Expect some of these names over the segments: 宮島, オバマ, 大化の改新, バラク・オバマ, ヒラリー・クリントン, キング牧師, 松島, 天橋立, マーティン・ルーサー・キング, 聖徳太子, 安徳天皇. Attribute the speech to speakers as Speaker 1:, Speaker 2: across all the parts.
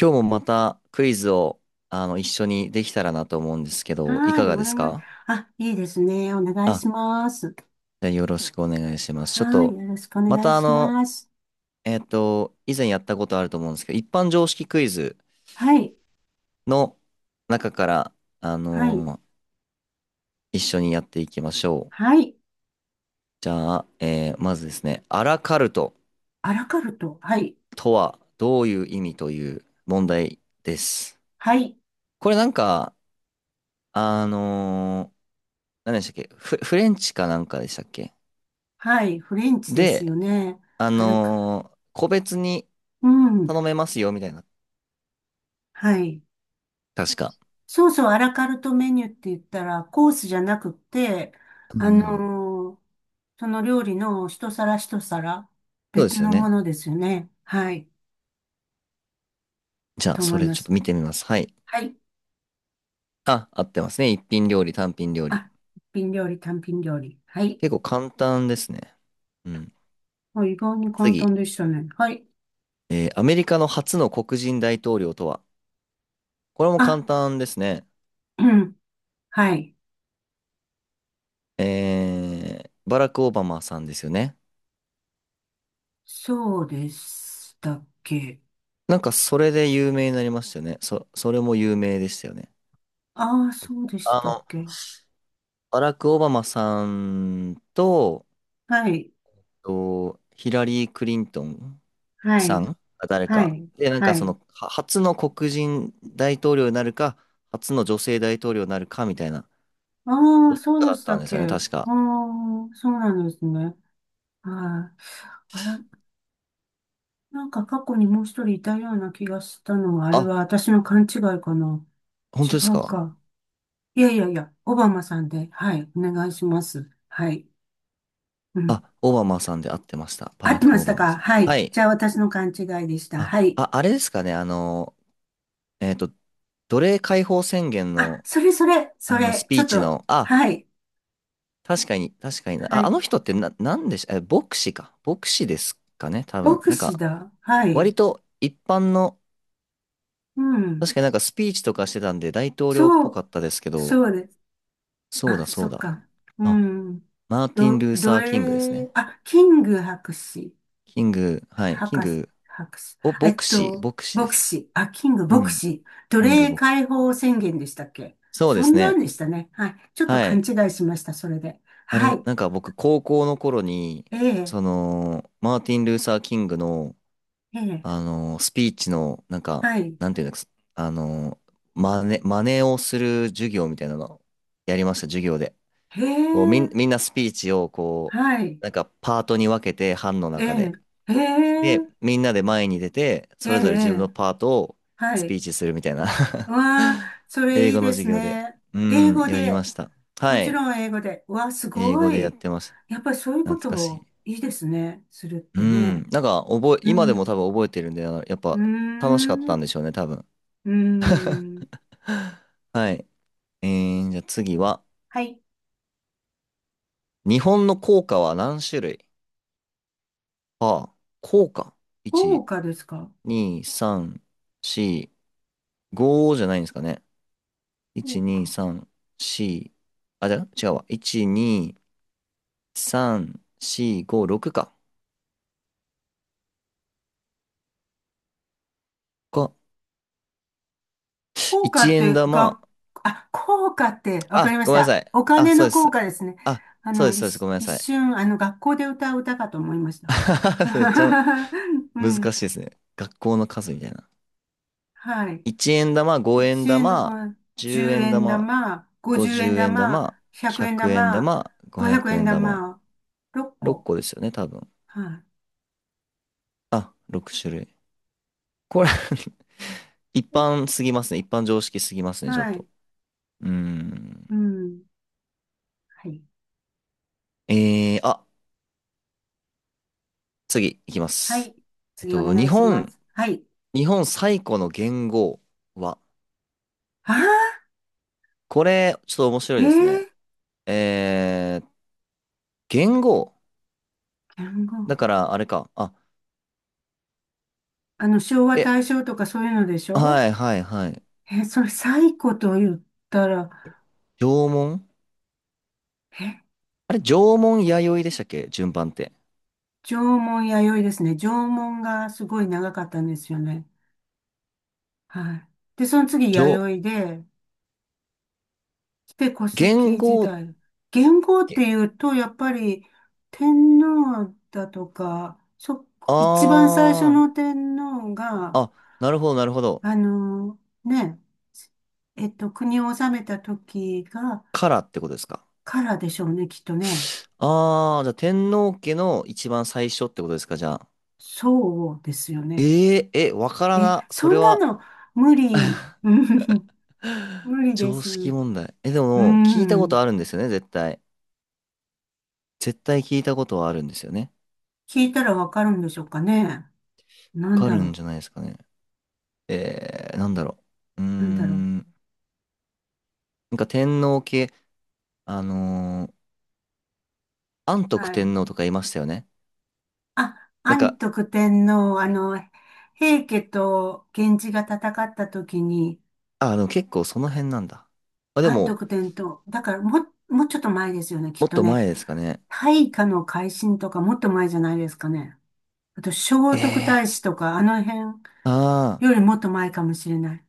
Speaker 1: 今日もまたクイズを一緒にできたらなと思うんですけど、い
Speaker 2: は
Speaker 1: か
Speaker 2: い、お
Speaker 1: がです
Speaker 2: 願い。
Speaker 1: か？
Speaker 2: あ、いいですね。お願い
Speaker 1: あ、
Speaker 2: します。
Speaker 1: じゃあよろしくお願いします。ちょっ
Speaker 2: はい、
Speaker 1: と、
Speaker 2: よろしくお
Speaker 1: ま
Speaker 2: 願い
Speaker 1: た
Speaker 2: します。
Speaker 1: 以前やったことあると思うんですけど、一般常識クイズ
Speaker 2: はい、
Speaker 1: の中から、あ
Speaker 2: はい、
Speaker 1: のー一緒にやっていきましょう。
Speaker 2: はい。
Speaker 1: じゃあ、まずですね、アラカルト
Speaker 2: アラカルト。はい、
Speaker 1: とはどういう意味という問題です。
Speaker 2: はい、
Speaker 1: これなんか、あのー何でしたっけ？フレンチかなんかでしたっけ？
Speaker 2: はい。フレンチです
Speaker 1: で、
Speaker 2: よね。アラカ、
Speaker 1: 個別に
Speaker 2: うん、
Speaker 1: 頼めますよ、みたいな。
Speaker 2: はい。
Speaker 1: 確か。
Speaker 2: そうそう、アラカルトメニューって言ったら、コースじゃなくって、
Speaker 1: うんう
Speaker 2: あ
Speaker 1: ん。
Speaker 2: のーその料理の一皿一皿、
Speaker 1: そうで
Speaker 2: 別
Speaker 1: すよ
Speaker 2: のも
Speaker 1: ね。
Speaker 2: のですよね。はい、
Speaker 1: じ
Speaker 2: だ
Speaker 1: ゃあ、
Speaker 2: と思
Speaker 1: そ
Speaker 2: い
Speaker 1: れ
Speaker 2: ま
Speaker 1: ちょっ
Speaker 2: す。
Speaker 1: と見てみます。はい。
Speaker 2: はい。
Speaker 1: あ、合ってますね。一品料理、単品料理。
Speaker 2: あ、一品料理、単品料理。はい。
Speaker 1: 結構簡単ですね。うん。
Speaker 2: あ、意外に簡
Speaker 1: 次。
Speaker 2: 単でしたね。はい。
Speaker 1: アメリカの初の黒人大統領とは？これも
Speaker 2: あ、
Speaker 1: 簡単ですね。
Speaker 2: うん。はい。
Speaker 1: バラク・オバマさんですよね。
Speaker 2: そうでしたっけ。
Speaker 1: なんか、それで有名になりましたよね。それも有名でしたよね。
Speaker 2: ああ、そうでし
Speaker 1: あ
Speaker 2: たっ
Speaker 1: の、
Speaker 2: け。
Speaker 1: バラク・オバマさんと、
Speaker 2: はい。
Speaker 1: ヒラリー・クリントン
Speaker 2: は
Speaker 1: さんん
Speaker 2: い。
Speaker 1: が誰
Speaker 2: は
Speaker 1: か。
Speaker 2: い。
Speaker 1: で、なんか
Speaker 2: はい。
Speaker 1: は初の黒人大統領になるか、初の女性大統領になるかみたいな、
Speaker 2: ああ、
Speaker 1: どっち
Speaker 2: そ
Speaker 1: か
Speaker 2: うで
Speaker 1: だっ
Speaker 2: した
Speaker 1: たん
Speaker 2: っ
Speaker 1: です
Speaker 2: け。
Speaker 1: よね、
Speaker 2: あ
Speaker 1: 確か。
Speaker 2: あ、そうなんですね。はい。あら、なんか過去にもう一人いたような気がしたのは、あれ
Speaker 1: あ、
Speaker 2: は私の勘違いかな。
Speaker 1: 本
Speaker 2: 違
Speaker 1: 当です
Speaker 2: う
Speaker 1: か？
Speaker 2: か。いやいやいや、オバマさんで。はい。お願いします。はい。うん、
Speaker 1: あ、オバマさんで合ってました。バ
Speaker 2: 合っ
Speaker 1: ラ
Speaker 2: てま
Speaker 1: ク・オ
Speaker 2: した
Speaker 1: バマ
Speaker 2: か？
Speaker 1: さん。
Speaker 2: は
Speaker 1: は
Speaker 2: い。
Speaker 1: い。
Speaker 2: じゃあ私の勘違いでした。
Speaker 1: あ、
Speaker 2: はい。
Speaker 1: あ、あれですかね、えっと、奴隷解放宣言
Speaker 2: あ、
Speaker 1: の、
Speaker 2: それそれ、そ
Speaker 1: ス
Speaker 2: れ、ち
Speaker 1: ピ
Speaker 2: ょ
Speaker 1: ー
Speaker 2: っ
Speaker 1: チ
Speaker 2: と、
Speaker 1: の、
Speaker 2: はい。
Speaker 1: 確かに、確かにな。
Speaker 2: は
Speaker 1: あ、あ
Speaker 2: い。
Speaker 1: の人ってな、なんでし、え、牧師か。牧師ですかね、多分。
Speaker 2: 牧
Speaker 1: なん
Speaker 2: 師
Speaker 1: か、
Speaker 2: だ。はい。
Speaker 1: 割と一般の、
Speaker 2: うん。
Speaker 1: 確かになんかスピーチとかしてたんで大統領っ
Speaker 2: そ
Speaker 1: ぽか
Speaker 2: う、
Speaker 1: ったですけど、
Speaker 2: そうです。
Speaker 1: そう
Speaker 2: あ、
Speaker 1: だ
Speaker 2: そ
Speaker 1: そう
Speaker 2: っ
Speaker 1: だ。
Speaker 2: か。う
Speaker 1: あ、
Speaker 2: ん。
Speaker 1: マーティン・ルー
Speaker 2: ど
Speaker 1: サー・キングです
Speaker 2: れ、
Speaker 1: ね。
Speaker 2: あ、キング博士。
Speaker 1: キング、はい、キン
Speaker 2: 博士、
Speaker 1: グ、
Speaker 2: 博士。
Speaker 1: 牧師、牧師で
Speaker 2: 牧
Speaker 1: すね。
Speaker 2: 師。あ、キング
Speaker 1: う
Speaker 2: 牧
Speaker 1: ん、
Speaker 2: 師。奴
Speaker 1: キング
Speaker 2: 隷
Speaker 1: 牧師。
Speaker 2: 解放宣言でしたっけ？
Speaker 1: そうで
Speaker 2: そ
Speaker 1: す
Speaker 2: んな
Speaker 1: ね。
Speaker 2: んでしたね。はい。ちょっと
Speaker 1: は
Speaker 2: 勘
Speaker 1: い。
Speaker 2: 違いしました、それで。
Speaker 1: あ
Speaker 2: は
Speaker 1: れ、
Speaker 2: い。
Speaker 1: なんか僕、高校の頃に、
Speaker 2: ええ、
Speaker 1: マーティン・ルーサー・キングの、
Speaker 2: ええ、
Speaker 1: スピーチの、なんか、
Speaker 2: はい。
Speaker 1: なんていうんですか、真似をする授業みたいなの、やりました、授業で。
Speaker 2: へえ、
Speaker 1: みんなスピーチをこ
Speaker 2: はい。
Speaker 1: う、なんかパートに分けて、班の
Speaker 2: え
Speaker 1: 中
Speaker 2: え、
Speaker 1: で。
Speaker 2: へ
Speaker 1: で、
Speaker 2: え、
Speaker 1: みんなで前に出て、
Speaker 2: え
Speaker 1: それぞれ自分の
Speaker 2: え、
Speaker 1: パートを
Speaker 2: は
Speaker 1: スピ
Speaker 2: い。
Speaker 1: ーチするみたいな
Speaker 2: わあ、それ
Speaker 1: 英
Speaker 2: いい
Speaker 1: 語の
Speaker 2: で
Speaker 1: 授
Speaker 2: す
Speaker 1: 業で。
Speaker 2: ね。
Speaker 1: う
Speaker 2: 英
Speaker 1: ん、
Speaker 2: 語
Speaker 1: やりま
Speaker 2: で、
Speaker 1: した。
Speaker 2: も
Speaker 1: は
Speaker 2: ち
Speaker 1: い。
Speaker 2: ろん英語で。わあ、す
Speaker 1: 英語
Speaker 2: ご
Speaker 1: でやっ
Speaker 2: い。
Speaker 1: てました。
Speaker 2: やっぱりそういうこ
Speaker 1: 懐
Speaker 2: と
Speaker 1: かしい。
Speaker 2: をいいですね。するっ
Speaker 1: う
Speaker 2: て
Speaker 1: ん。
Speaker 2: ね。
Speaker 1: なんか、
Speaker 2: う
Speaker 1: 今でも多
Speaker 2: ん。
Speaker 1: 分覚えてるんで、あのやっ
Speaker 2: うー
Speaker 1: ぱ楽しかったん
Speaker 2: ん。
Speaker 1: でしょうね、多分。
Speaker 2: うーん。
Speaker 1: はい。じゃあ次は、
Speaker 2: はい。
Speaker 1: 日本の硬貨は何種類？ああ、硬貨。い
Speaker 2: 豪
Speaker 1: ち
Speaker 2: 華ですか？
Speaker 1: 2、3、4、5じゃないんですかね。1、
Speaker 2: 豪
Speaker 1: 2、
Speaker 2: 華。
Speaker 1: 3、4、あ、じゃあ違うわ。1、2、3、4、5、6か。か、
Speaker 2: 効果
Speaker 1: 1
Speaker 2: っ
Speaker 1: 円
Speaker 2: て、
Speaker 1: 玉。
Speaker 2: が、あ、効果って、わかり
Speaker 1: あ、
Speaker 2: まし
Speaker 1: ごめんなさ
Speaker 2: た。
Speaker 1: い。
Speaker 2: お
Speaker 1: あ、
Speaker 2: 金
Speaker 1: そう
Speaker 2: の
Speaker 1: で
Speaker 2: 効
Speaker 1: す。
Speaker 2: 果ですね。
Speaker 1: あ、
Speaker 2: あ
Speaker 1: そう
Speaker 2: の、
Speaker 1: です、そうです。ごめんな
Speaker 2: 一
Speaker 1: さい。
Speaker 2: 瞬、学校で歌う歌かと思いました。
Speaker 1: めっちゃ
Speaker 2: う
Speaker 1: 難
Speaker 2: ん。
Speaker 1: しいですね。学校の数みたいな。
Speaker 2: はい。
Speaker 1: 1円玉、5円
Speaker 2: 1円のこ
Speaker 1: 玉、
Speaker 2: う
Speaker 1: 10
Speaker 2: 10
Speaker 1: 円
Speaker 2: 円
Speaker 1: 玉、
Speaker 2: 玉、50円
Speaker 1: 50円
Speaker 2: 玉、
Speaker 1: 玉、
Speaker 2: 100円
Speaker 1: 100円
Speaker 2: 玉、
Speaker 1: 玉、500
Speaker 2: 500円
Speaker 1: 円玉。
Speaker 2: 玉、6
Speaker 1: 6
Speaker 2: 個。
Speaker 1: 個ですよね、多分。
Speaker 2: は
Speaker 1: あ、6種類。これ 一
Speaker 2: い。
Speaker 1: 般すぎますね。一般常識すぎますね、ちょっ
Speaker 2: はい。
Speaker 1: と。うーん。
Speaker 2: うん。はい。
Speaker 1: えー、あ、次いきま
Speaker 2: は
Speaker 1: す。
Speaker 2: い。
Speaker 1: えっ
Speaker 2: 次お
Speaker 1: と、
Speaker 2: 願
Speaker 1: 日
Speaker 2: いしま
Speaker 1: 本、
Speaker 2: す。はい。
Speaker 1: 日本最古の元号は？
Speaker 2: ああ、
Speaker 1: これ、ちょっと面白
Speaker 2: え
Speaker 1: い
Speaker 2: え
Speaker 1: ですね。
Speaker 2: ー、
Speaker 1: えー、元号
Speaker 2: 言語
Speaker 1: だから、あれか。
Speaker 2: 昭和、
Speaker 1: え、
Speaker 2: 大正とかそういうのでしょ？
Speaker 1: はいはいはい。
Speaker 2: え、それ、最古と言ったら、
Speaker 1: 縄文
Speaker 2: え、
Speaker 1: 縄文弥生でしたっけ順番って？
Speaker 2: 縄文弥生ですね。縄文がすごい長かったんですよね。はい。で、その次、
Speaker 1: 縄、
Speaker 2: 弥生で、古
Speaker 1: 元
Speaker 2: 籍時
Speaker 1: 号っ
Speaker 2: 代。元号っ
Speaker 1: て、
Speaker 2: ていうと、やっぱり、天皇だとか、
Speaker 1: あ
Speaker 2: 一番最初の天皇
Speaker 1: ー、
Speaker 2: が、
Speaker 1: あ、なるほどなるほど。
Speaker 2: ね、国を治めた時が、
Speaker 1: からってことですか？
Speaker 2: からでしょうね、きっとね。
Speaker 1: ああ、じゃあ天皇家の一番最初ってことですか、じゃあ？
Speaker 2: そうですよね。
Speaker 1: えええ、わから
Speaker 2: え、
Speaker 1: な。そ
Speaker 2: そ
Speaker 1: れ
Speaker 2: んな
Speaker 1: は
Speaker 2: の無理、うん、 無理で
Speaker 1: 常
Speaker 2: す。
Speaker 1: 識問
Speaker 2: う
Speaker 1: 題。え、でも、聞いたこ
Speaker 2: ん。
Speaker 1: とあるんですよね、絶対。絶対聞いたことはあるんですよね。
Speaker 2: 聞いたらわかるんでしょうかね。
Speaker 1: わ
Speaker 2: なん
Speaker 1: か
Speaker 2: だ
Speaker 1: るん
Speaker 2: ろ
Speaker 1: じゃないですかね。なんだろう。うー
Speaker 2: う、なんだろう。
Speaker 1: ん。なんか天皇家、あのー安徳
Speaker 2: はい。
Speaker 1: 天皇とかいましたよね。
Speaker 2: あ、
Speaker 1: なん
Speaker 2: 安
Speaker 1: か、
Speaker 2: 徳天皇、あの、平家と源氏が戦った時に、
Speaker 1: あ、でも結構その辺なんだ。あ、で
Speaker 2: 安
Speaker 1: も、
Speaker 2: 徳天皇、だからもう、もうちょっと前ですよね、き
Speaker 1: も
Speaker 2: っ
Speaker 1: っ
Speaker 2: と
Speaker 1: と
Speaker 2: ね。
Speaker 1: 前ですかね。
Speaker 2: 大化の改新とかもっと前じゃないですかね。あと、聖徳
Speaker 1: え
Speaker 2: 太子とか、あの辺
Speaker 1: ー、ああ、
Speaker 2: よりもっと前かもしれない。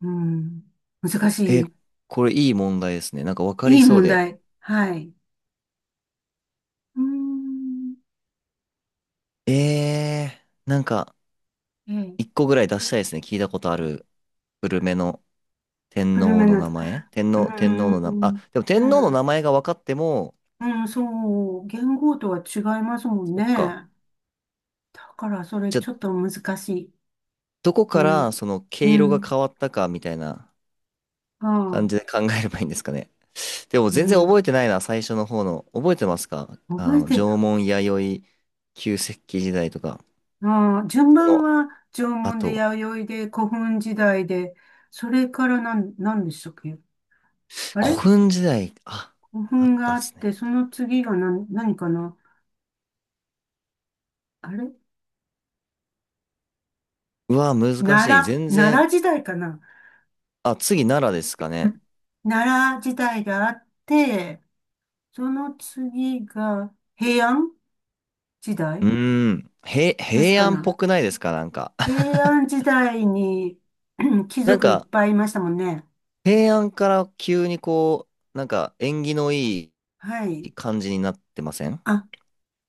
Speaker 2: うん。難し
Speaker 1: え、
Speaker 2: い。
Speaker 1: これいい問題ですね。なんかわか
Speaker 2: い
Speaker 1: り
Speaker 2: い
Speaker 1: そう
Speaker 2: 問
Speaker 1: で。
Speaker 2: 題。はい。うーん。
Speaker 1: ええー、なんか、
Speaker 2: え
Speaker 1: 一
Speaker 2: え。
Speaker 1: 個ぐらい出したいですね。聞いたことある、古めの天
Speaker 2: 古
Speaker 1: 皇
Speaker 2: め
Speaker 1: の
Speaker 2: の、う
Speaker 1: 名前、
Speaker 2: ー
Speaker 1: 天皇の名前、あ、
Speaker 2: ん。
Speaker 1: でも天
Speaker 2: な
Speaker 1: 皇の
Speaker 2: ら、
Speaker 1: 名前が分かっても、
Speaker 2: うん、そう。元号とは違いますもん
Speaker 1: そっか。
Speaker 2: ね。だから、それ
Speaker 1: じゃあ、
Speaker 2: ちょっと難しい。
Speaker 1: どこ
Speaker 2: う
Speaker 1: から
Speaker 2: ん。
Speaker 1: その毛
Speaker 2: う
Speaker 1: 色が
Speaker 2: ん。
Speaker 1: 変わったかみたいな
Speaker 2: あ
Speaker 1: 感じで
Speaker 2: あ。
Speaker 1: 考えればいいんですかね。でも
Speaker 2: う
Speaker 1: 全然
Speaker 2: ん。
Speaker 1: 覚えてないな、最初の方の。覚えてますか？
Speaker 2: 覚えて、
Speaker 1: 縄文弥生、旧石器時代とか、
Speaker 2: ああ、順
Speaker 1: そ
Speaker 2: 番
Speaker 1: の
Speaker 2: は縄文で
Speaker 1: 後、
Speaker 2: 弥生で古墳時代で、それからなん、何でしたっけ？あれ、
Speaker 1: 古墳時代、あ、
Speaker 2: 古
Speaker 1: あっ
Speaker 2: 墳
Speaker 1: た
Speaker 2: が
Speaker 1: っ
Speaker 2: あっ
Speaker 1: す
Speaker 2: て、
Speaker 1: ね。
Speaker 2: その次が何、何かな？あれ、
Speaker 1: うわ、難
Speaker 2: 奈
Speaker 1: しい。全
Speaker 2: 奈良
Speaker 1: 然、
Speaker 2: 時代かな？
Speaker 1: あ、次奈良ですかね。
Speaker 2: 奈良時代があって、その次が平安時
Speaker 1: う
Speaker 2: 代
Speaker 1: ーん。
Speaker 2: です
Speaker 1: 平
Speaker 2: か
Speaker 1: 安っぽ
Speaker 2: な。
Speaker 1: くないですかなんか？
Speaker 2: 平 安時代に 貴
Speaker 1: なん
Speaker 2: 族いっ
Speaker 1: か、
Speaker 2: ぱいいましたもんね。
Speaker 1: 平安から急にこう、なんか縁起のい
Speaker 2: はい。
Speaker 1: い感じになってません
Speaker 2: あ、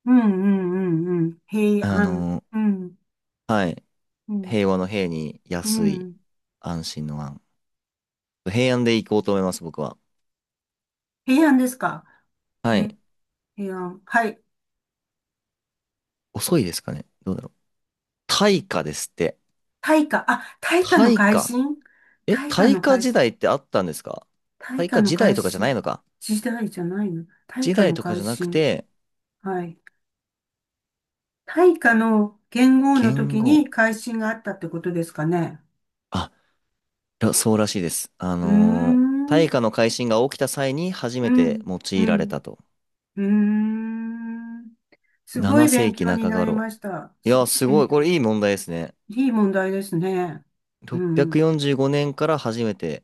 Speaker 2: うんうんうんうん。平
Speaker 1: あ
Speaker 2: 安。
Speaker 1: の、
Speaker 2: うん、
Speaker 1: はい。
Speaker 2: うん、
Speaker 1: 平和の平に
Speaker 2: う
Speaker 1: 安い、
Speaker 2: ん。
Speaker 1: 安心の安。平安で行こうと思います、僕は。
Speaker 2: 平安ですか。
Speaker 1: は
Speaker 2: え、
Speaker 1: い。
Speaker 2: 平安。はい。
Speaker 1: 遅いですかね、どうだろう。大化ですって。
Speaker 2: 大化。あ、大化の
Speaker 1: 大
Speaker 2: 改
Speaker 1: 化
Speaker 2: 新。大化
Speaker 1: 大
Speaker 2: の
Speaker 1: 化
Speaker 2: 改
Speaker 1: 時
Speaker 2: 新。
Speaker 1: 代ってあったんですか？
Speaker 2: 大
Speaker 1: 大
Speaker 2: 化
Speaker 1: 化
Speaker 2: の
Speaker 1: 時代
Speaker 2: 改
Speaker 1: とかじゃな
Speaker 2: 新。
Speaker 1: いのか。
Speaker 2: 時代じゃないの。大
Speaker 1: 時
Speaker 2: 化
Speaker 1: 代
Speaker 2: の
Speaker 1: とか
Speaker 2: 改
Speaker 1: じゃなく
Speaker 2: 新。
Speaker 1: て、
Speaker 2: はい。大化の元号の
Speaker 1: 元
Speaker 2: 時
Speaker 1: 号。
Speaker 2: に改新があったってことですかね。
Speaker 1: あらそうらしいです。
Speaker 2: うーん、うん、
Speaker 1: 大化の改新が起きた際に初めて用
Speaker 2: う
Speaker 1: いられ
Speaker 2: ん、
Speaker 1: たと。
Speaker 2: うーん。すご
Speaker 1: 7
Speaker 2: い
Speaker 1: 世
Speaker 2: 勉
Speaker 1: 紀
Speaker 2: 強に
Speaker 1: 中
Speaker 2: なり
Speaker 1: 頃。
Speaker 2: ました。
Speaker 1: い
Speaker 2: す
Speaker 1: や、
Speaker 2: ごい
Speaker 1: すご
Speaker 2: 勉
Speaker 1: い。これ
Speaker 2: 強。
Speaker 1: いい問題ですね。
Speaker 2: いい問題ですね。うん。
Speaker 1: 645年から初めて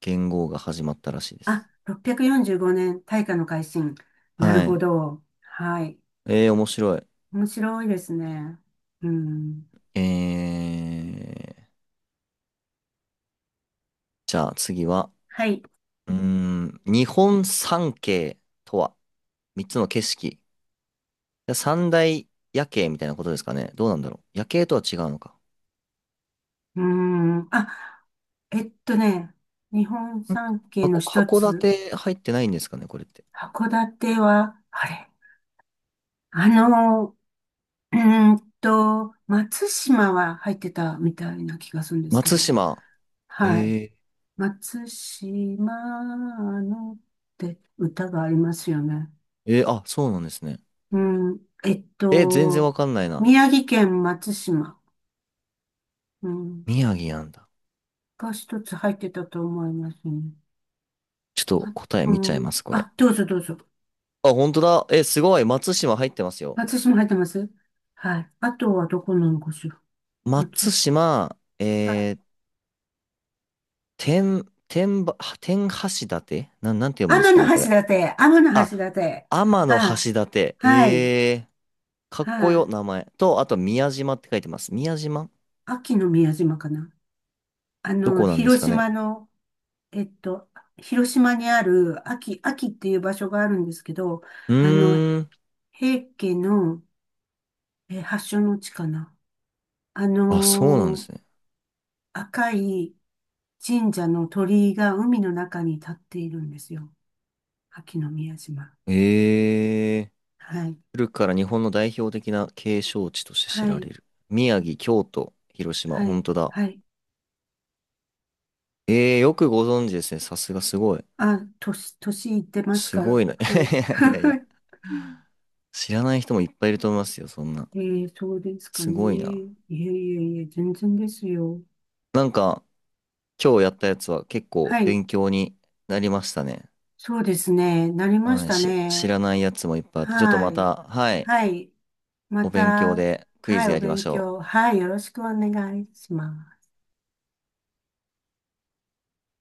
Speaker 1: 元号が始まったらしいで
Speaker 2: あ、
Speaker 1: す。
Speaker 2: 645年、大化の改新。なる
Speaker 1: は
Speaker 2: ほ
Speaker 1: い。
Speaker 2: ど。はい。
Speaker 1: 面白い。
Speaker 2: 面白いですね。うん。
Speaker 1: えー、じゃあ次は、
Speaker 2: はい。
Speaker 1: 日本三景とは？3つの景色。三大夜景みたいなことですかね。どうなんだろう。夜景とは違うのか。
Speaker 2: うーん。あ、えっとね、日本
Speaker 1: ん
Speaker 2: 三景の
Speaker 1: 箱、
Speaker 2: 一
Speaker 1: 函
Speaker 2: つ、
Speaker 1: 館入ってないんですかね、これって。
Speaker 2: 函館は、あれあの、うーんと、松島は入ってたみたいな気がするんですけ
Speaker 1: 松
Speaker 2: ど、
Speaker 1: 島。
Speaker 2: はい。
Speaker 1: え
Speaker 2: 松島のって歌がありますよね。
Speaker 1: あ、そうなんですね。
Speaker 2: うん、
Speaker 1: 全然わかんないな。
Speaker 2: 宮城県松島、うん、
Speaker 1: 宮城なんだ。
Speaker 2: が一つ入ってたと思いますね。
Speaker 1: ちょっと
Speaker 2: あ、
Speaker 1: 答え
Speaker 2: う
Speaker 1: 見ちゃい
Speaker 2: ん、
Speaker 1: ます、これ。
Speaker 2: あ、どうぞどうぞ。
Speaker 1: あ、本当だ。すごい。松島入ってますよ。
Speaker 2: 松島入ってます。はい。あとはどこなのかしら。
Speaker 1: 松
Speaker 2: 松、
Speaker 1: 島、
Speaker 2: はい。
Speaker 1: 天橋立なんて読むん
Speaker 2: 天
Speaker 1: で
Speaker 2: 橋
Speaker 1: す
Speaker 2: 立、
Speaker 1: かね、これ。
Speaker 2: 天橋
Speaker 1: あ、
Speaker 2: 立。
Speaker 1: 天の
Speaker 2: はい。
Speaker 1: 橋立。
Speaker 2: はい。
Speaker 1: かっこ
Speaker 2: は
Speaker 1: よ、
Speaker 2: い。
Speaker 1: 名前。と、あと、宮島って書いてます。宮島
Speaker 2: 秋の宮島かな。あ
Speaker 1: ど
Speaker 2: の、
Speaker 1: こなんです
Speaker 2: 広
Speaker 1: かね。
Speaker 2: 島の、えっと、広島にある秋っていう場所があるんですけど、
Speaker 1: う
Speaker 2: あの、
Speaker 1: ーん。
Speaker 2: 平家の発祥の地かな。あ
Speaker 1: あ、そうなんで
Speaker 2: の
Speaker 1: す
Speaker 2: ー
Speaker 1: ね。
Speaker 2: 赤い神社の鳥居が海の中に立っているんですよ。秋の宮島。
Speaker 1: ええ、
Speaker 2: はい。
Speaker 1: 古くから日本の代表的な景勝地として知
Speaker 2: は
Speaker 1: られ
Speaker 2: い。
Speaker 1: る。宮城、京都、広島、
Speaker 2: は
Speaker 1: 本
Speaker 2: い。
Speaker 1: 当だ。
Speaker 2: はい。
Speaker 1: ええ、よくご存知ですね。さすがすごい。
Speaker 2: あ、年、年いってます
Speaker 1: す
Speaker 2: か
Speaker 1: ご
Speaker 2: ら。
Speaker 1: いな。
Speaker 2: はい。
Speaker 1: いやいや、知らない人もいっぱいいると思いますよ、そんな。
Speaker 2: えー、そうですか
Speaker 1: す
Speaker 2: ね。い
Speaker 1: ごいな。
Speaker 2: えいえいえ、全然ですよ。
Speaker 1: なんか、今日やったやつは結構
Speaker 2: はい。
Speaker 1: 勉強になりましたね。
Speaker 2: そうですね。なりまし
Speaker 1: はい、
Speaker 2: た
Speaker 1: 知
Speaker 2: ね。
Speaker 1: らないやつもいっぱいあって、ちょっと
Speaker 2: は
Speaker 1: ま
Speaker 2: い。
Speaker 1: た、はい、
Speaker 2: はい。ま
Speaker 1: お勉強
Speaker 2: た、
Speaker 1: でクイ
Speaker 2: は
Speaker 1: ズ
Speaker 2: い、
Speaker 1: や
Speaker 2: お
Speaker 1: りまし
Speaker 2: 勉
Speaker 1: ょう。
Speaker 2: 強。はい、よろしくお願いします。